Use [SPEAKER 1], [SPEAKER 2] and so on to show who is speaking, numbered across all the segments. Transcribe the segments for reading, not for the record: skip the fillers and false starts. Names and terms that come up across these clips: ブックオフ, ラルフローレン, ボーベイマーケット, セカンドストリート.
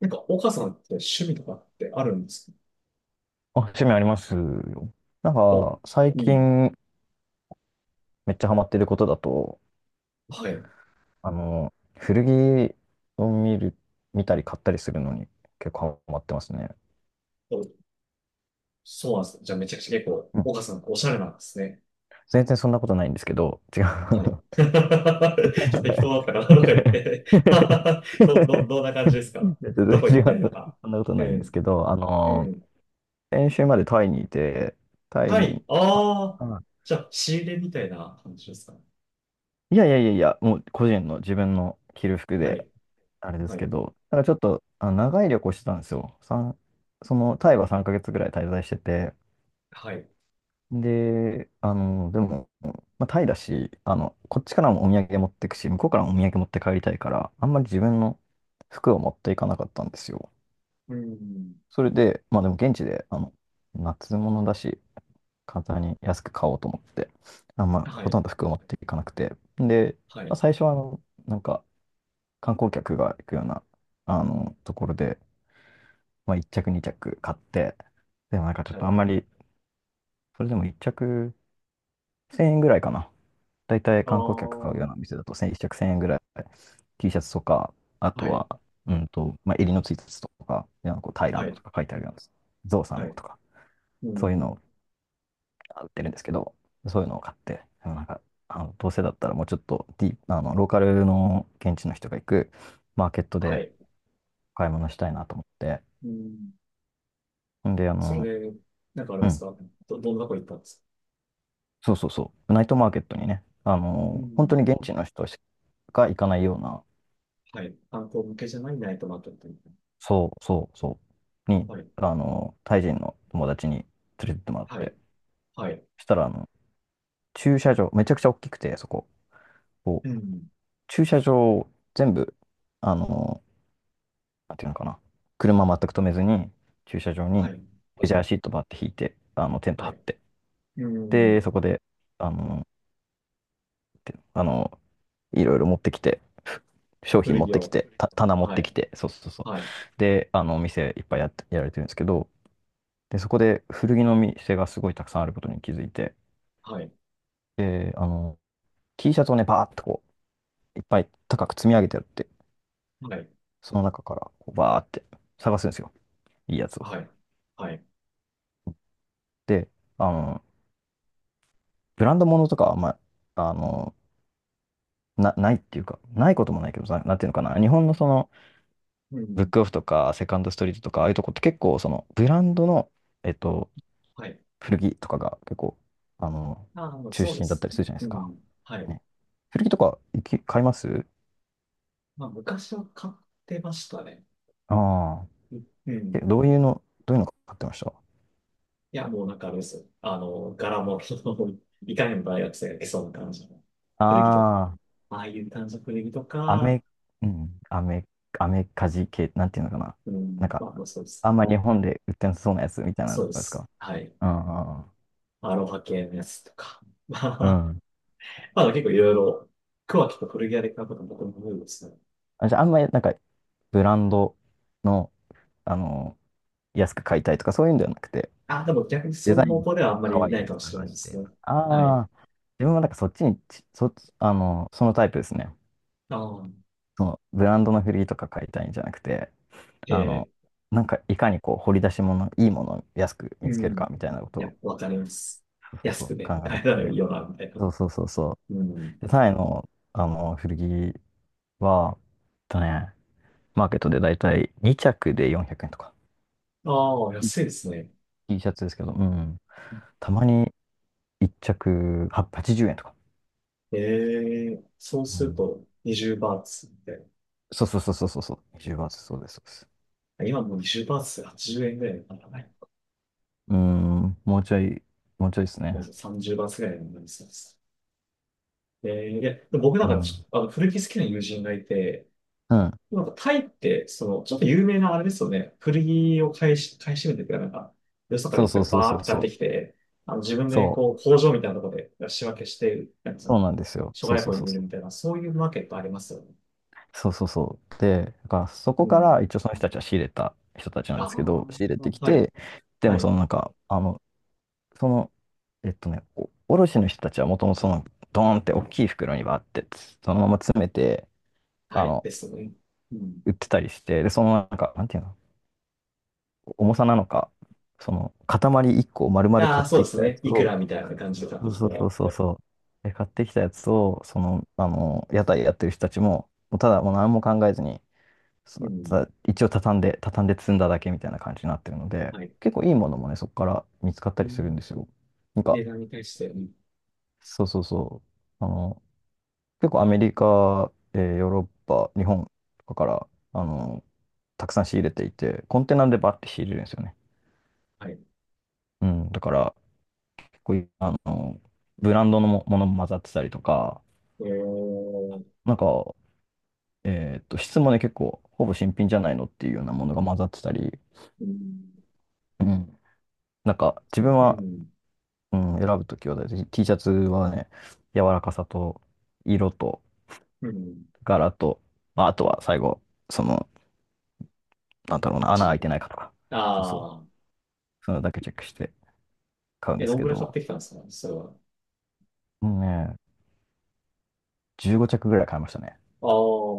[SPEAKER 1] なんか、岡さんって趣味とかってあるんですか？
[SPEAKER 2] あ、趣味ありますよ。なん
[SPEAKER 1] お、
[SPEAKER 2] か、最
[SPEAKER 1] うん。
[SPEAKER 2] 近めっちゃハマってることだと、
[SPEAKER 1] はい。
[SPEAKER 2] 古着を見たり買ったりするのに結構ハマってますね。
[SPEAKER 1] お、そうなんです。じゃあめちゃくちゃ結構、
[SPEAKER 2] うん、
[SPEAKER 1] 岡さんおしゃれなんですね。
[SPEAKER 2] 全然そんなことないんですけど、違う。
[SPEAKER 1] はい。ちょっと適当だったかな とか言って どんな感じです
[SPEAKER 2] 全
[SPEAKER 1] か？ど
[SPEAKER 2] 然
[SPEAKER 1] こ行
[SPEAKER 2] 違
[SPEAKER 1] っ
[SPEAKER 2] う。
[SPEAKER 1] たりとか。
[SPEAKER 2] そんなこと
[SPEAKER 1] う
[SPEAKER 2] ないんで
[SPEAKER 1] ん。
[SPEAKER 2] すけど、
[SPEAKER 1] うん。
[SPEAKER 2] 先週までタイにいて、タイ
[SPEAKER 1] はい。
[SPEAKER 2] に、ちょっ
[SPEAKER 1] ああ。
[SPEAKER 2] と、あ
[SPEAKER 1] じゃあ、仕入れみたいな感じですか？
[SPEAKER 2] いやいやいやいや、もう個人の自分の着る服
[SPEAKER 1] は
[SPEAKER 2] で、
[SPEAKER 1] い。
[SPEAKER 2] あれです
[SPEAKER 1] は
[SPEAKER 2] け
[SPEAKER 1] い。
[SPEAKER 2] ど、なんかちょっと長い旅行してたんですよ。そのタイは3ヶ月ぐらい滞在してて、
[SPEAKER 1] はい。
[SPEAKER 2] で、でも、まあ、タイだし、こっちからもお土産持ってくし、向こうからもお土産持って帰りたいから、あんまり自分の服を持っていかなかったんですよ。
[SPEAKER 1] うん。
[SPEAKER 2] それで、まあでも現地で、夏物だし、簡単に安く買おうと思って、あんま
[SPEAKER 1] は
[SPEAKER 2] ほ
[SPEAKER 1] い。
[SPEAKER 2] とんど服を持っていかなくて、で、
[SPEAKER 1] は
[SPEAKER 2] まあ、
[SPEAKER 1] い。
[SPEAKER 2] 最初はなんか観光客が行くような、ところで、まあ、1着、2着買って、でもなんかちょっ
[SPEAKER 1] は
[SPEAKER 2] とあん
[SPEAKER 1] い。
[SPEAKER 2] まり、それでも1着1000円ぐらいかな。だいたい
[SPEAKER 1] ああ。
[SPEAKER 2] 観光客買うような店だと1着1000円ぐらい、T シャツとか、あ
[SPEAKER 1] は
[SPEAKER 2] と
[SPEAKER 1] い。
[SPEAKER 2] は、まあ、襟のついたやつとか、なんかこうタイラン
[SPEAKER 1] は
[SPEAKER 2] ド
[SPEAKER 1] い。
[SPEAKER 2] とか書いてあるようなやつ、ゾウさん
[SPEAKER 1] は
[SPEAKER 2] の
[SPEAKER 1] い。
[SPEAKER 2] とか、
[SPEAKER 1] う
[SPEAKER 2] そういう
[SPEAKER 1] ん。
[SPEAKER 2] のを売ってるんですけど、そういうのを買って、でもなんか、どうせだったらもうちょっとディープローカルの現地の人が行くマーケット
[SPEAKER 1] は
[SPEAKER 2] で
[SPEAKER 1] い。
[SPEAKER 2] 買い物したいなと思って、
[SPEAKER 1] うん。
[SPEAKER 2] んで、
[SPEAKER 1] それで、なんかあれ
[SPEAKER 2] う
[SPEAKER 1] です
[SPEAKER 2] ん、
[SPEAKER 1] か？どんなとこ行ったんですか？
[SPEAKER 2] そうそうそう。ナイトマーケットにね、
[SPEAKER 1] う
[SPEAKER 2] 本当
[SPEAKER 1] ん。
[SPEAKER 2] に現地の人しか行かないような、
[SPEAKER 1] はい。観光向けじゃないナイトマーケットみたい
[SPEAKER 2] そうそうそう、に、
[SPEAKER 1] な。はい。
[SPEAKER 2] タイ人の友達に連れてってもらっ
[SPEAKER 1] はい。
[SPEAKER 2] て、
[SPEAKER 1] はい。
[SPEAKER 2] そしたら、駐車場、めちゃくちゃ大きくて、そこ、こ
[SPEAKER 1] う
[SPEAKER 2] う、
[SPEAKER 1] ん。
[SPEAKER 2] 駐車場を全部、あのーなんていうのかな、車全く止めずに、駐車場
[SPEAKER 1] は
[SPEAKER 2] に
[SPEAKER 1] い。
[SPEAKER 2] レジャーシートばって引いて、テント
[SPEAKER 1] は
[SPEAKER 2] 張っ
[SPEAKER 1] い。
[SPEAKER 2] て、
[SPEAKER 1] う
[SPEAKER 2] で、
[SPEAKER 1] ん。
[SPEAKER 2] そこで、あのーてあのいろいろ持ってきて、商品
[SPEAKER 1] 古
[SPEAKER 2] 持っ
[SPEAKER 1] 着
[SPEAKER 2] てき
[SPEAKER 1] を。
[SPEAKER 2] て、棚持っ
[SPEAKER 1] は
[SPEAKER 2] てき
[SPEAKER 1] い。
[SPEAKER 2] て、そうそうそう。
[SPEAKER 1] はい。
[SPEAKER 2] で、お店いっぱいやって、やられてるんですけど、で、そこで古着の店がすごいたくさんあることに気づいて、
[SPEAKER 1] はい。
[SPEAKER 2] で、T シャツをね、バーっとこう、いっぱい高く積み上げてあって、
[SPEAKER 1] はい。
[SPEAKER 2] その中からこうバーって探すんですよ。いいやつを。
[SPEAKER 1] はい。はい。
[SPEAKER 2] で、あの、ブランド物とかは、まあ、ないっていうか、ないこともないけど、なんていうのかな、日本のその、
[SPEAKER 1] う
[SPEAKER 2] ブッ
[SPEAKER 1] ん。
[SPEAKER 2] クオフとか、セカンドストリートとか、ああいうとこって結構、その、ブランドの、えっと、
[SPEAKER 1] はい。
[SPEAKER 2] 古着とかが結構、あの、
[SPEAKER 1] ああ、
[SPEAKER 2] 中
[SPEAKER 1] そうで
[SPEAKER 2] 心だった
[SPEAKER 1] す。
[SPEAKER 2] りするじゃないで
[SPEAKER 1] う
[SPEAKER 2] すか。
[SPEAKER 1] ん。はい。
[SPEAKER 2] ね。古着とか買います
[SPEAKER 1] まあ、昔は買ってましたね。
[SPEAKER 2] ああ
[SPEAKER 1] うん。う
[SPEAKER 2] ー。え、
[SPEAKER 1] ん。
[SPEAKER 2] どういうの買ってました
[SPEAKER 1] いや、もうなんかあれですよ。あの、柄も、いかにも大学生が着そうな感じの古着とか。
[SPEAKER 2] あ
[SPEAKER 1] ああいう感じの古着と
[SPEAKER 2] あ、
[SPEAKER 1] か、
[SPEAKER 2] うん、アメカジ系、なんていうのかな。
[SPEAKER 1] う
[SPEAKER 2] なん
[SPEAKER 1] ん、
[SPEAKER 2] か、
[SPEAKER 1] まあ、まあそうです
[SPEAKER 2] あん
[SPEAKER 1] ね。
[SPEAKER 2] ま日本で売ってなさそうなやつみたいなの
[SPEAKER 1] そうで
[SPEAKER 2] とかです
[SPEAKER 1] す。
[SPEAKER 2] か？
[SPEAKER 1] はい。
[SPEAKER 2] うん
[SPEAKER 1] アロハ系のやつとか。ま
[SPEAKER 2] う
[SPEAKER 1] あ、
[SPEAKER 2] ん。うん、
[SPEAKER 1] まあ結構いろいろ、桑木と古着屋で買うことも僕も多いですね。
[SPEAKER 2] あ、じゃあ、あんまりなんか、ブランドの、あの、安く買いたいとかそういうんではなくて、
[SPEAKER 1] あ、でも逆に
[SPEAKER 2] デ
[SPEAKER 1] そうい
[SPEAKER 2] ザ
[SPEAKER 1] う
[SPEAKER 2] イ
[SPEAKER 1] 方
[SPEAKER 2] ン
[SPEAKER 1] 向ではあんま
[SPEAKER 2] 可
[SPEAKER 1] り
[SPEAKER 2] 愛
[SPEAKER 1] な
[SPEAKER 2] い
[SPEAKER 1] いか
[SPEAKER 2] の
[SPEAKER 1] もしれな
[SPEAKER 2] 探
[SPEAKER 1] いで
[SPEAKER 2] し
[SPEAKER 1] す
[SPEAKER 2] て
[SPEAKER 1] ね。
[SPEAKER 2] と。
[SPEAKER 1] は
[SPEAKER 2] あ
[SPEAKER 1] い。
[SPEAKER 2] あ、自分はなんかそっち、そのタイプですね。
[SPEAKER 1] ああ、
[SPEAKER 2] そのブランドのフリーとか買いたいんじゃなくて、
[SPEAKER 1] え
[SPEAKER 2] あの、
[SPEAKER 1] え、
[SPEAKER 2] なんかいかにこう掘り出し物、いいものを安く
[SPEAKER 1] う
[SPEAKER 2] 見つける
[SPEAKER 1] ん。い
[SPEAKER 2] かみたいなこと
[SPEAKER 1] や、
[SPEAKER 2] を、
[SPEAKER 1] わかります。
[SPEAKER 2] そうそうそ
[SPEAKER 1] 安
[SPEAKER 2] う
[SPEAKER 1] くね、
[SPEAKER 2] 考
[SPEAKER 1] 買
[SPEAKER 2] え
[SPEAKER 1] え
[SPEAKER 2] て
[SPEAKER 1] たらい
[SPEAKER 2] て。
[SPEAKER 1] いよな、みたいな。
[SPEAKER 2] そうそうそうそ
[SPEAKER 1] うん。
[SPEAKER 2] う。で、タイの、古着は、とね、マーケットでだいたい2着で400円とか。
[SPEAKER 1] ああ、
[SPEAKER 2] T
[SPEAKER 1] 安いですね。
[SPEAKER 2] T シャツですけど、うん。たまに1着880円とか。
[SPEAKER 1] ええ、そう
[SPEAKER 2] う
[SPEAKER 1] する
[SPEAKER 2] ん。
[SPEAKER 1] と20バーツみたい
[SPEAKER 2] そうそうそうそうそうそう。10月、そうです、そうです。
[SPEAKER 1] な。今もう20バーツ80円ぐらいだからね。
[SPEAKER 2] うーん、もうちょい、もうちょいですね。
[SPEAKER 1] 30バーツぐらいになりそうです。えー、いや、でも僕なん
[SPEAKER 2] う
[SPEAKER 1] か
[SPEAKER 2] ん。
[SPEAKER 1] ちあの古着好きな友人がいて、
[SPEAKER 2] うん。
[SPEAKER 1] なんかタイって、その、ちょっと有名なあれですよね。古着を買い占めてくれなんか、よそから
[SPEAKER 2] そ
[SPEAKER 1] いっ
[SPEAKER 2] う
[SPEAKER 1] ぱ
[SPEAKER 2] そ
[SPEAKER 1] い
[SPEAKER 2] うそう
[SPEAKER 1] バーっ
[SPEAKER 2] そ
[SPEAKER 1] て
[SPEAKER 2] う
[SPEAKER 1] 買っ
[SPEAKER 2] そ
[SPEAKER 1] て
[SPEAKER 2] う。
[SPEAKER 1] きて、あの自分で
[SPEAKER 2] そ
[SPEAKER 1] こう
[SPEAKER 2] う。
[SPEAKER 1] 工場みたいなところで仕分けして、なんかそ
[SPEAKER 2] そう
[SPEAKER 1] の、
[SPEAKER 2] なんですよ。
[SPEAKER 1] 諸
[SPEAKER 2] そう
[SPEAKER 1] 外
[SPEAKER 2] そう
[SPEAKER 1] 国
[SPEAKER 2] そう
[SPEAKER 1] に売る
[SPEAKER 2] そう。
[SPEAKER 1] みたいな、そういうマーケットありますよね。
[SPEAKER 2] そうそうそう。で、だからそこ
[SPEAKER 1] う
[SPEAKER 2] か
[SPEAKER 1] ん。
[SPEAKER 2] ら一応その人たちは仕入れた人たちなん
[SPEAKER 1] あ
[SPEAKER 2] ですけど、仕入れ
[SPEAKER 1] あ、
[SPEAKER 2] てき
[SPEAKER 1] はい、
[SPEAKER 2] て、で
[SPEAKER 1] は
[SPEAKER 2] もそ
[SPEAKER 1] い、
[SPEAKER 2] のなんか、その、お卸の人たちはもともとその、ドーンって大きい袋にバーって、そのまま詰めて、
[SPEAKER 1] は
[SPEAKER 2] あ
[SPEAKER 1] い、
[SPEAKER 2] の、
[SPEAKER 1] ですね。うん。
[SPEAKER 2] 売ってたりして、で、そのなんか、なんていうの、重さなのか、その塊1個を丸々
[SPEAKER 1] あ
[SPEAKER 2] 買
[SPEAKER 1] あ、
[SPEAKER 2] っ
[SPEAKER 1] そう
[SPEAKER 2] て
[SPEAKER 1] で
[SPEAKER 2] き
[SPEAKER 1] す
[SPEAKER 2] たや
[SPEAKER 1] ね。
[SPEAKER 2] つ
[SPEAKER 1] いくら
[SPEAKER 2] を、
[SPEAKER 1] みたいな感じで買っ
[SPEAKER 2] そ
[SPEAKER 1] て
[SPEAKER 2] う
[SPEAKER 1] き
[SPEAKER 2] そ
[SPEAKER 1] て。
[SPEAKER 2] うそうそうそう、で買ってきたやつを、その、屋台やってる人たちも、もうただもう何も考えずに、
[SPEAKER 1] う
[SPEAKER 2] そう、
[SPEAKER 1] ん。
[SPEAKER 2] 一応畳んで、畳んで積んだだけみたいな感じになってるので、
[SPEAKER 1] はい。
[SPEAKER 2] 結構いいものもね、そこから見つかっ
[SPEAKER 1] う
[SPEAKER 2] たりするんで
[SPEAKER 1] ん。
[SPEAKER 2] すよ。なんか、
[SPEAKER 1] 値段に対して、うん。
[SPEAKER 2] そうそうそう、結構アメリカ、ヨーロッパ、日本とかから、たくさん仕入れていて、コンテナでバッて仕入れるんですよね。
[SPEAKER 1] はい。
[SPEAKER 2] うん、だから、こういう、ブランドのも、ものも混ざってたりとか、
[SPEAKER 1] えー。
[SPEAKER 2] なんか、質もね、結構、ほぼ新品じゃないのっていうようなものが混ざってたり、
[SPEAKER 1] うん
[SPEAKER 2] うん。なんか、自
[SPEAKER 1] う
[SPEAKER 2] 分は、
[SPEAKER 1] ん。
[SPEAKER 2] うん、選ぶときは大体 T シャツはね、柔らかさと、色と、
[SPEAKER 1] うん。
[SPEAKER 2] 柄と、まあ、あとは最後、その、なんだろう
[SPEAKER 1] 勝
[SPEAKER 2] な、
[SPEAKER 1] ち
[SPEAKER 2] 穴開い
[SPEAKER 1] に。
[SPEAKER 2] てないかとか、そうそう、
[SPEAKER 1] ああ。
[SPEAKER 2] そういうのだけチェックして買うん
[SPEAKER 1] え、
[SPEAKER 2] で
[SPEAKER 1] ど
[SPEAKER 2] す
[SPEAKER 1] ん
[SPEAKER 2] け
[SPEAKER 1] ぐらい買っ
[SPEAKER 2] ど、
[SPEAKER 1] てきたんですかそれは？
[SPEAKER 2] もうね、15着ぐらい買いましたね。
[SPEAKER 1] あ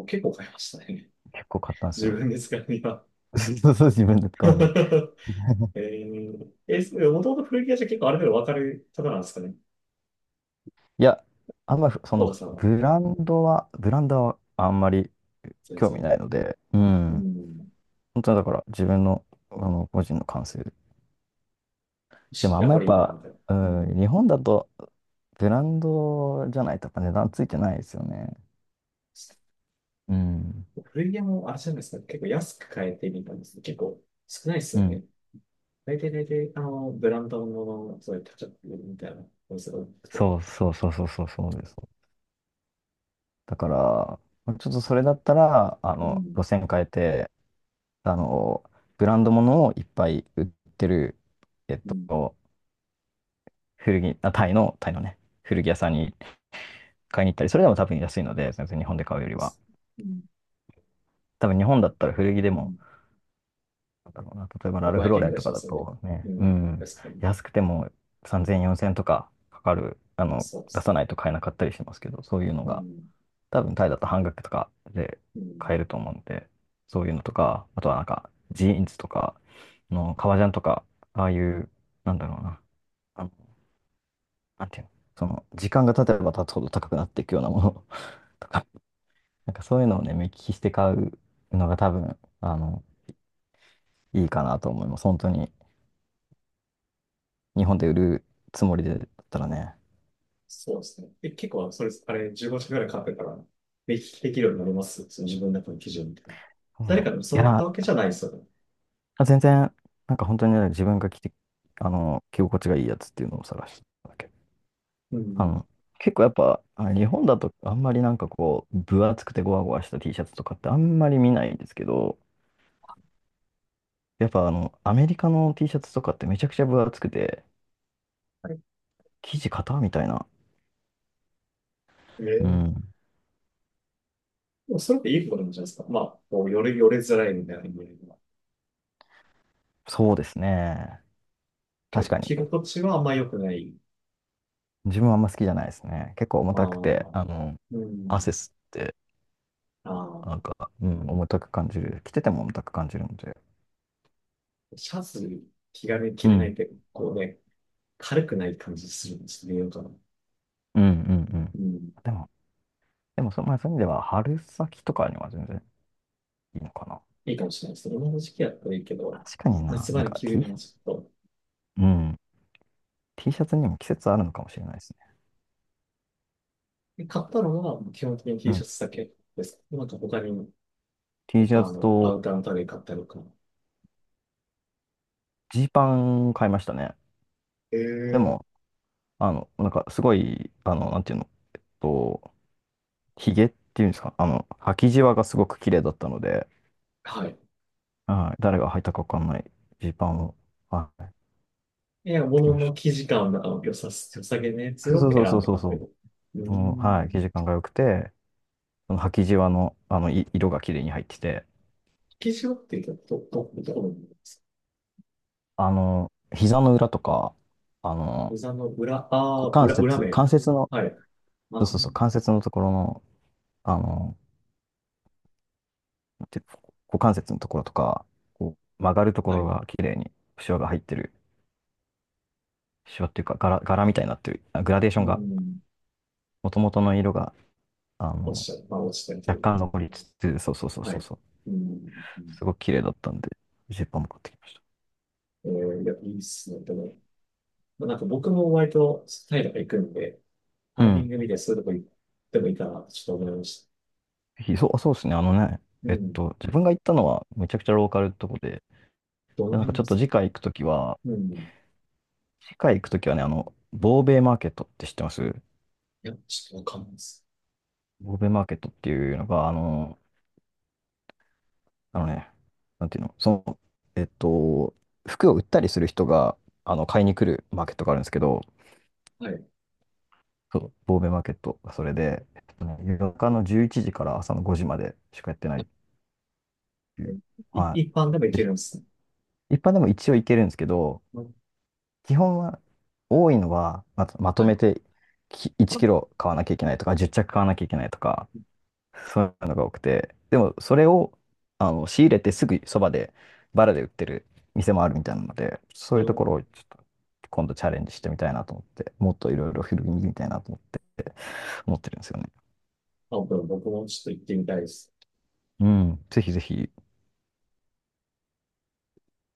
[SPEAKER 1] あ、結構買いましたね。
[SPEAKER 2] 結構買ったん です
[SPEAKER 1] 自
[SPEAKER 2] よ。
[SPEAKER 1] 分で使うには。
[SPEAKER 2] そうそう、自分で買わない。
[SPEAKER 1] えー、え、それもともと古着屋じゃ結構ある程度わかる方なんですかね？
[SPEAKER 2] いや、あんまりそ
[SPEAKER 1] 大田
[SPEAKER 2] の
[SPEAKER 1] さんは。
[SPEAKER 2] ブランドはあんまり
[SPEAKER 1] 全
[SPEAKER 2] 興味
[SPEAKER 1] 然。
[SPEAKER 2] ないので、う
[SPEAKER 1] う
[SPEAKER 2] ん。
[SPEAKER 1] ん。
[SPEAKER 2] 本当はだから自分の、個人の感性で。で
[SPEAKER 1] し
[SPEAKER 2] もあん
[SPEAKER 1] やっ
[SPEAKER 2] ま
[SPEAKER 1] ぱ
[SPEAKER 2] やっ
[SPEAKER 1] りいいな、
[SPEAKER 2] ぱ、
[SPEAKER 1] みたいな。
[SPEAKER 2] う
[SPEAKER 1] うん。
[SPEAKER 2] ん、日本だとブランドじゃないとやっぱ値段ついてないですよね。うん。
[SPEAKER 1] 古着屋もあれじゃないですか。結構安く買えてみたんですけど、結構少ないです
[SPEAKER 2] う
[SPEAKER 1] よ
[SPEAKER 2] ん。
[SPEAKER 1] ね。大体、あの、ブランドの、そういう、タッちみたいな、お店が多くて。
[SPEAKER 2] そうそうそうそうそうそうです。だから、ちょっとそれだったら、
[SPEAKER 1] うん
[SPEAKER 2] 路線変えて、あの、ブランドものをいっぱい売ってる、えっ
[SPEAKER 1] うん
[SPEAKER 2] と、古着、あ、タイのね、古着屋さんに買いに行ったり、それでも多分安いので、全然日本で買うよりは。
[SPEAKER 1] うん
[SPEAKER 2] 多分日本だったら古着で
[SPEAKER 1] う
[SPEAKER 2] も、
[SPEAKER 1] ん。
[SPEAKER 2] なんだろうな、例えば
[SPEAKER 1] ま
[SPEAKER 2] ラ
[SPEAKER 1] あ、
[SPEAKER 2] ルフ
[SPEAKER 1] 500
[SPEAKER 2] ロー
[SPEAKER 1] 円
[SPEAKER 2] レ
[SPEAKER 1] ぐ
[SPEAKER 2] ン
[SPEAKER 1] らい
[SPEAKER 2] と
[SPEAKER 1] し
[SPEAKER 2] か
[SPEAKER 1] ま
[SPEAKER 2] だ
[SPEAKER 1] すよね。
[SPEAKER 2] と
[SPEAKER 1] う
[SPEAKER 2] ね、う
[SPEAKER 1] ん。
[SPEAKER 2] ん、
[SPEAKER 1] 確かに。
[SPEAKER 2] 安くても3000、4000とかかかる、
[SPEAKER 1] そうで
[SPEAKER 2] 出
[SPEAKER 1] す
[SPEAKER 2] さ
[SPEAKER 1] ね。
[SPEAKER 2] ないと買えなかったりしますけど、そういうの
[SPEAKER 1] う
[SPEAKER 2] が、
[SPEAKER 1] ん。
[SPEAKER 2] 多分タイだと半額とかで
[SPEAKER 1] う
[SPEAKER 2] 買
[SPEAKER 1] ん。
[SPEAKER 2] えると思うんで、そういうのとか、あとはなんか、ジーンズとか、革ジャンとか、ああいう、なんだろうな、あの、なんていうの、その、時間が経てば経つほど高くなっていくようなもの とかなんかそういうのをね、目利きして買うのが多分、いいかなと思います。本当に、日本で売るつもりでだったらね、
[SPEAKER 1] そうですね。え、結構、それ、あれ、15社ぐらい買ってから、できるようになりますその自分の中の基準みたいな。
[SPEAKER 2] なんだ
[SPEAKER 1] 誰
[SPEAKER 2] ろ
[SPEAKER 1] かに
[SPEAKER 2] う。
[SPEAKER 1] 教
[SPEAKER 2] い
[SPEAKER 1] わった
[SPEAKER 2] や、
[SPEAKER 1] わけじゃないですよね。
[SPEAKER 2] 全然、なんか本当にね、自分が着て、着心地がいいやつっていうのを探してただけ。
[SPEAKER 1] う
[SPEAKER 2] あ
[SPEAKER 1] ん。
[SPEAKER 2] の、結構やっぱ、あ日本だとあんまり分厚くてゴワゴワした T シャツとかってあんまり見ないんですけど、やっぱアメリカの T シャツとかってめちゃくちゃ分厚くて、
[SPEAKER 1] はい。
[SPEAKER 2] 生地硬みたいな。
[SPEAKER 1] え
[SPEAKER 2] う
[SPEAKER 1] ー。
[SPEAKER 2] ん。
[SPEAKER 1] でもそれっていいことなんじゃないですか。まあ、こう、よれづらいみたいな意味では。
[SPEAKER 2] そうですね。
[SPEAKER 1] け
[SPEAKER 2] 確
[SPEAKER 1] ど
[SPEAKER 2] かに。
[SPEAKER 1] 着心地はあんま良くない。
[SPEAKER 2] 自分はあんま好きじゃないですね。結構重
[SPEAKER 1] あ
[SPEAKER 2] たくて、
[SPEAKER 1] あ、うん。
[SPEAKER 2] 汗吸って、
[SPEAKER 1] ああ、
[SPEAKER 2] なんか、うん、重たく感じる。着てても重たく感じるので。
[SPEAKER 1] シャツ、気軽に着
[SPEAKER 2] う
[SPEAKER 1] れない
[SPEAKER 2] ん、
[SPEAKER 1] って、こうね、軽くない感じするんですよ、かな。
[SPEAKER 2] うん、うん、うん。
[SPEAKER 1] うん。
[SPEAKER 2] でも、でもそ、まあ、そういう意味では、春先とかには全然いいのかな。
[SPEAKER 1] いいかもしれないですね今の時期やったらいいけど、
[SPEAKER 2] 確かにな、
[SPEAKER 1] 夏
[SPEAKER 2] な
[SPEAKER 1] 場
[SPEAKER 2] ん
[SPEAKER 1] に
[SPEAKER 2] か
[SPEAKER 1] 着るよ
[SPEAKER 2] T、
[SPEAKER 1] うなちょっと。
[SPEAKER 2] うん、T シャツにも季節あるのかもしれないですね。
[SPEAKER 1] で買ったのは、基本的に
[SPEAKER 2] う
[SPEAKER 1] T シ
[SPEAKER 2] ん。
[SPEAKER 1] ャツだけです。なんか他に、
[SPEAKER 2] T シ
[SPEAKER 1] あ
[SPEAKER 2] ャツ
[SPEAKER 1] の、アウ
[SPEAKER 2] と
[SPEAKER 1] ターの類買ったりとか。
[SPEAKER 2] ジーパン買いましたね。で
[SPEAKER 1] え
[SPEAKER 2] も、
[SPEAKER 1] え。
[SPEAKER 2] なんかすごい、あの、なんていうの、えっと、ヒゲっていうんですか、履きじわがすごく綺麗だったので、
[SPEAKER 1] はい。
[SPEAKER 2] はい。誰が履いたかわかんないジーパンを、はい、買
[SPEAKER 1] いや
[SPEAKER 2] ってき
[SPEAKER 1] 物
[SPEAKER 2] ま
[SPEAKER 1] の
[SPEAKER 2] し
[SPEAKER 1] 生地感の良さ、良さげなやつ
[SPEAKER 2] た。
[SPEAKER 1] を
[SPEAKER 2] そうそ
[SPEAKER 1] 選
[SPEAKER 2] うそ
[SPEAKER 1] ん
[SPEAKER 2] う
[SPEAKER 1] で
[SPEAKER 2] そう
[SPEAKER 1] 買って
[SPEAKER 2] そ
[SPEAKER 1] る。う
[SPEAKER 2] う。うん、はい。
[SPEAKER 1] ん。
[SPEAKER 2] 生地感が良くて、その履きじわの、色が綺麗に入ってて、
[SPEAKER 1] 生地をっていうと、どこの部分ですか？
[SPEAKER 2] 膝の裏とか、あの、
[SPEAKER 1] 膝の裏、あ
[SPEAKER 2] 股
[SPEAKER 1] あ、
[SPEAKER 2] 関
[SPEAKER 1] 裏、裏
[SPEAKER 2] 節、
[SPEAKER 1] 面。
[SPEAKER 2] 関節の、
[SPEAKER 1] はい。あ
[SPEAKER 2] そうそうそう、
[SPEAKER 1] ー。
[SPEAKER 2] 関節のところの、あの、なんていうの股関節のところとか、こう曲がるとこ
[SPEAKER 1] は
[SPEAKER 2] ろ
[SPEAKER 1] い。
[SPEAKER 2] が綺麗に、シワが入ってる。シワっていうか、柄みたいになってる。あグラデーショ
[SPEAKER 1] う
[SPEAKER 2] ンが、
[SPEAKER 1] ん。
[SPEAKER 2] もともとの色が、あ
[SPEAKER 1] 落
[SPEAKER 2] の、
[SPEAKER 1] ちちゃう。まあ、落ちたりとい
[SPEAKER 2] 若
[SPEAKER 1] うか。
[SPEAKER 2] 干残りつつ、そうそうそう
[SPEAKER 1] は
[SPEAKER 2] そう
[SPEAKER 1] い。
[SPEAKER 2] そう。
[SPEAKER 1] うん。
[SPEAKER 2] すごく綺麗だったんで、ジーパンも買ってきまし
[SPEAKER 1] えー、いや、いいっすね。でも、まあ、なんか僕も割とタイとか行くんで、
[SPEAKER 2] た。
[SPEAKER 1] タ
[SPEAKER 2] う
[SPEAKER 1] イミン
[SPEAKER 2] ん。
[SPEAKER 1] グ見てそういうとこ行ってもいいかなってちょっと思いました。
[SPEAKER 2] ぜひそう、そうですね。あのね、
[SPEAKER 1] うん。
[SPEAKER 2] 自分が行ったのはめちゃくちゃローカルってとこで、
[SPEAKER 1] どの
[SPEAKER 2] でなんか
[SPEAKER 1] 辺
[SPEAKER 2] ちょ
[SPEAKER 1] で
[SPEAKER 2] っ
[SPEAKER 1] す
[SPEAKER 2] と
[SPEAKER 1] か
[SPEAKER 2] 次
[SPEAKER 1] ね？
[SPEAKER 2] 回行くときは、
[SPEAKER 1] うん。い
[SPEAKER 2] 次回行くときはね、ボーベイマーケットって知ってます？
[SPEAKER 1] や、ちょっとわかんないです。
[SPEAKER 2] ボーベイマーケットっていうのが、あの、あのね、なんていうの、その、えっと、服を売ったりする人が、買いに来るマーケットがあるんですけど、
[SPEAKER 1] はい。
[SPEAKER 2] そう、ボーベイマーケットがそれで、えっとね、夜中の11時から朝の5時までしかやってないっていう、は
[SPEAKER 1] 一般でも行け
[SPEAKER 2] い。
[SPEAKER 1] るんですね。
[SPEAKER 2] 一般でも一応いけるんですけど、基本は多いのはまと、まと
[SPEAKER 1] は
[SPEAKER 2] め
[SPEAKER 1] い。
[SPEAKER 2] て
[SPEAKER 1] あ、
[SPEAKER 2] 1キロ買わなきゃいけないとか、10着買わなきゃいけないとか、そういうのが多くて、でもそれをあの仕入れてすぐそばでバラで売ってる店もあるみたいなので、そ
[SPEAKER 1] う
[SPEAKER 2] ういうところ
[SPEAKER 1] ん、
[SPEAKER 2] をちょっと今度チャレンジしてみたいなと思って、もっといろいろ広げてみたいなと思って、思ってるんですよね。
[SPEAKER 1] あ、僕もちょっと行ってみたいです。
[SPEAKER 2] うん、ぜひぜひ。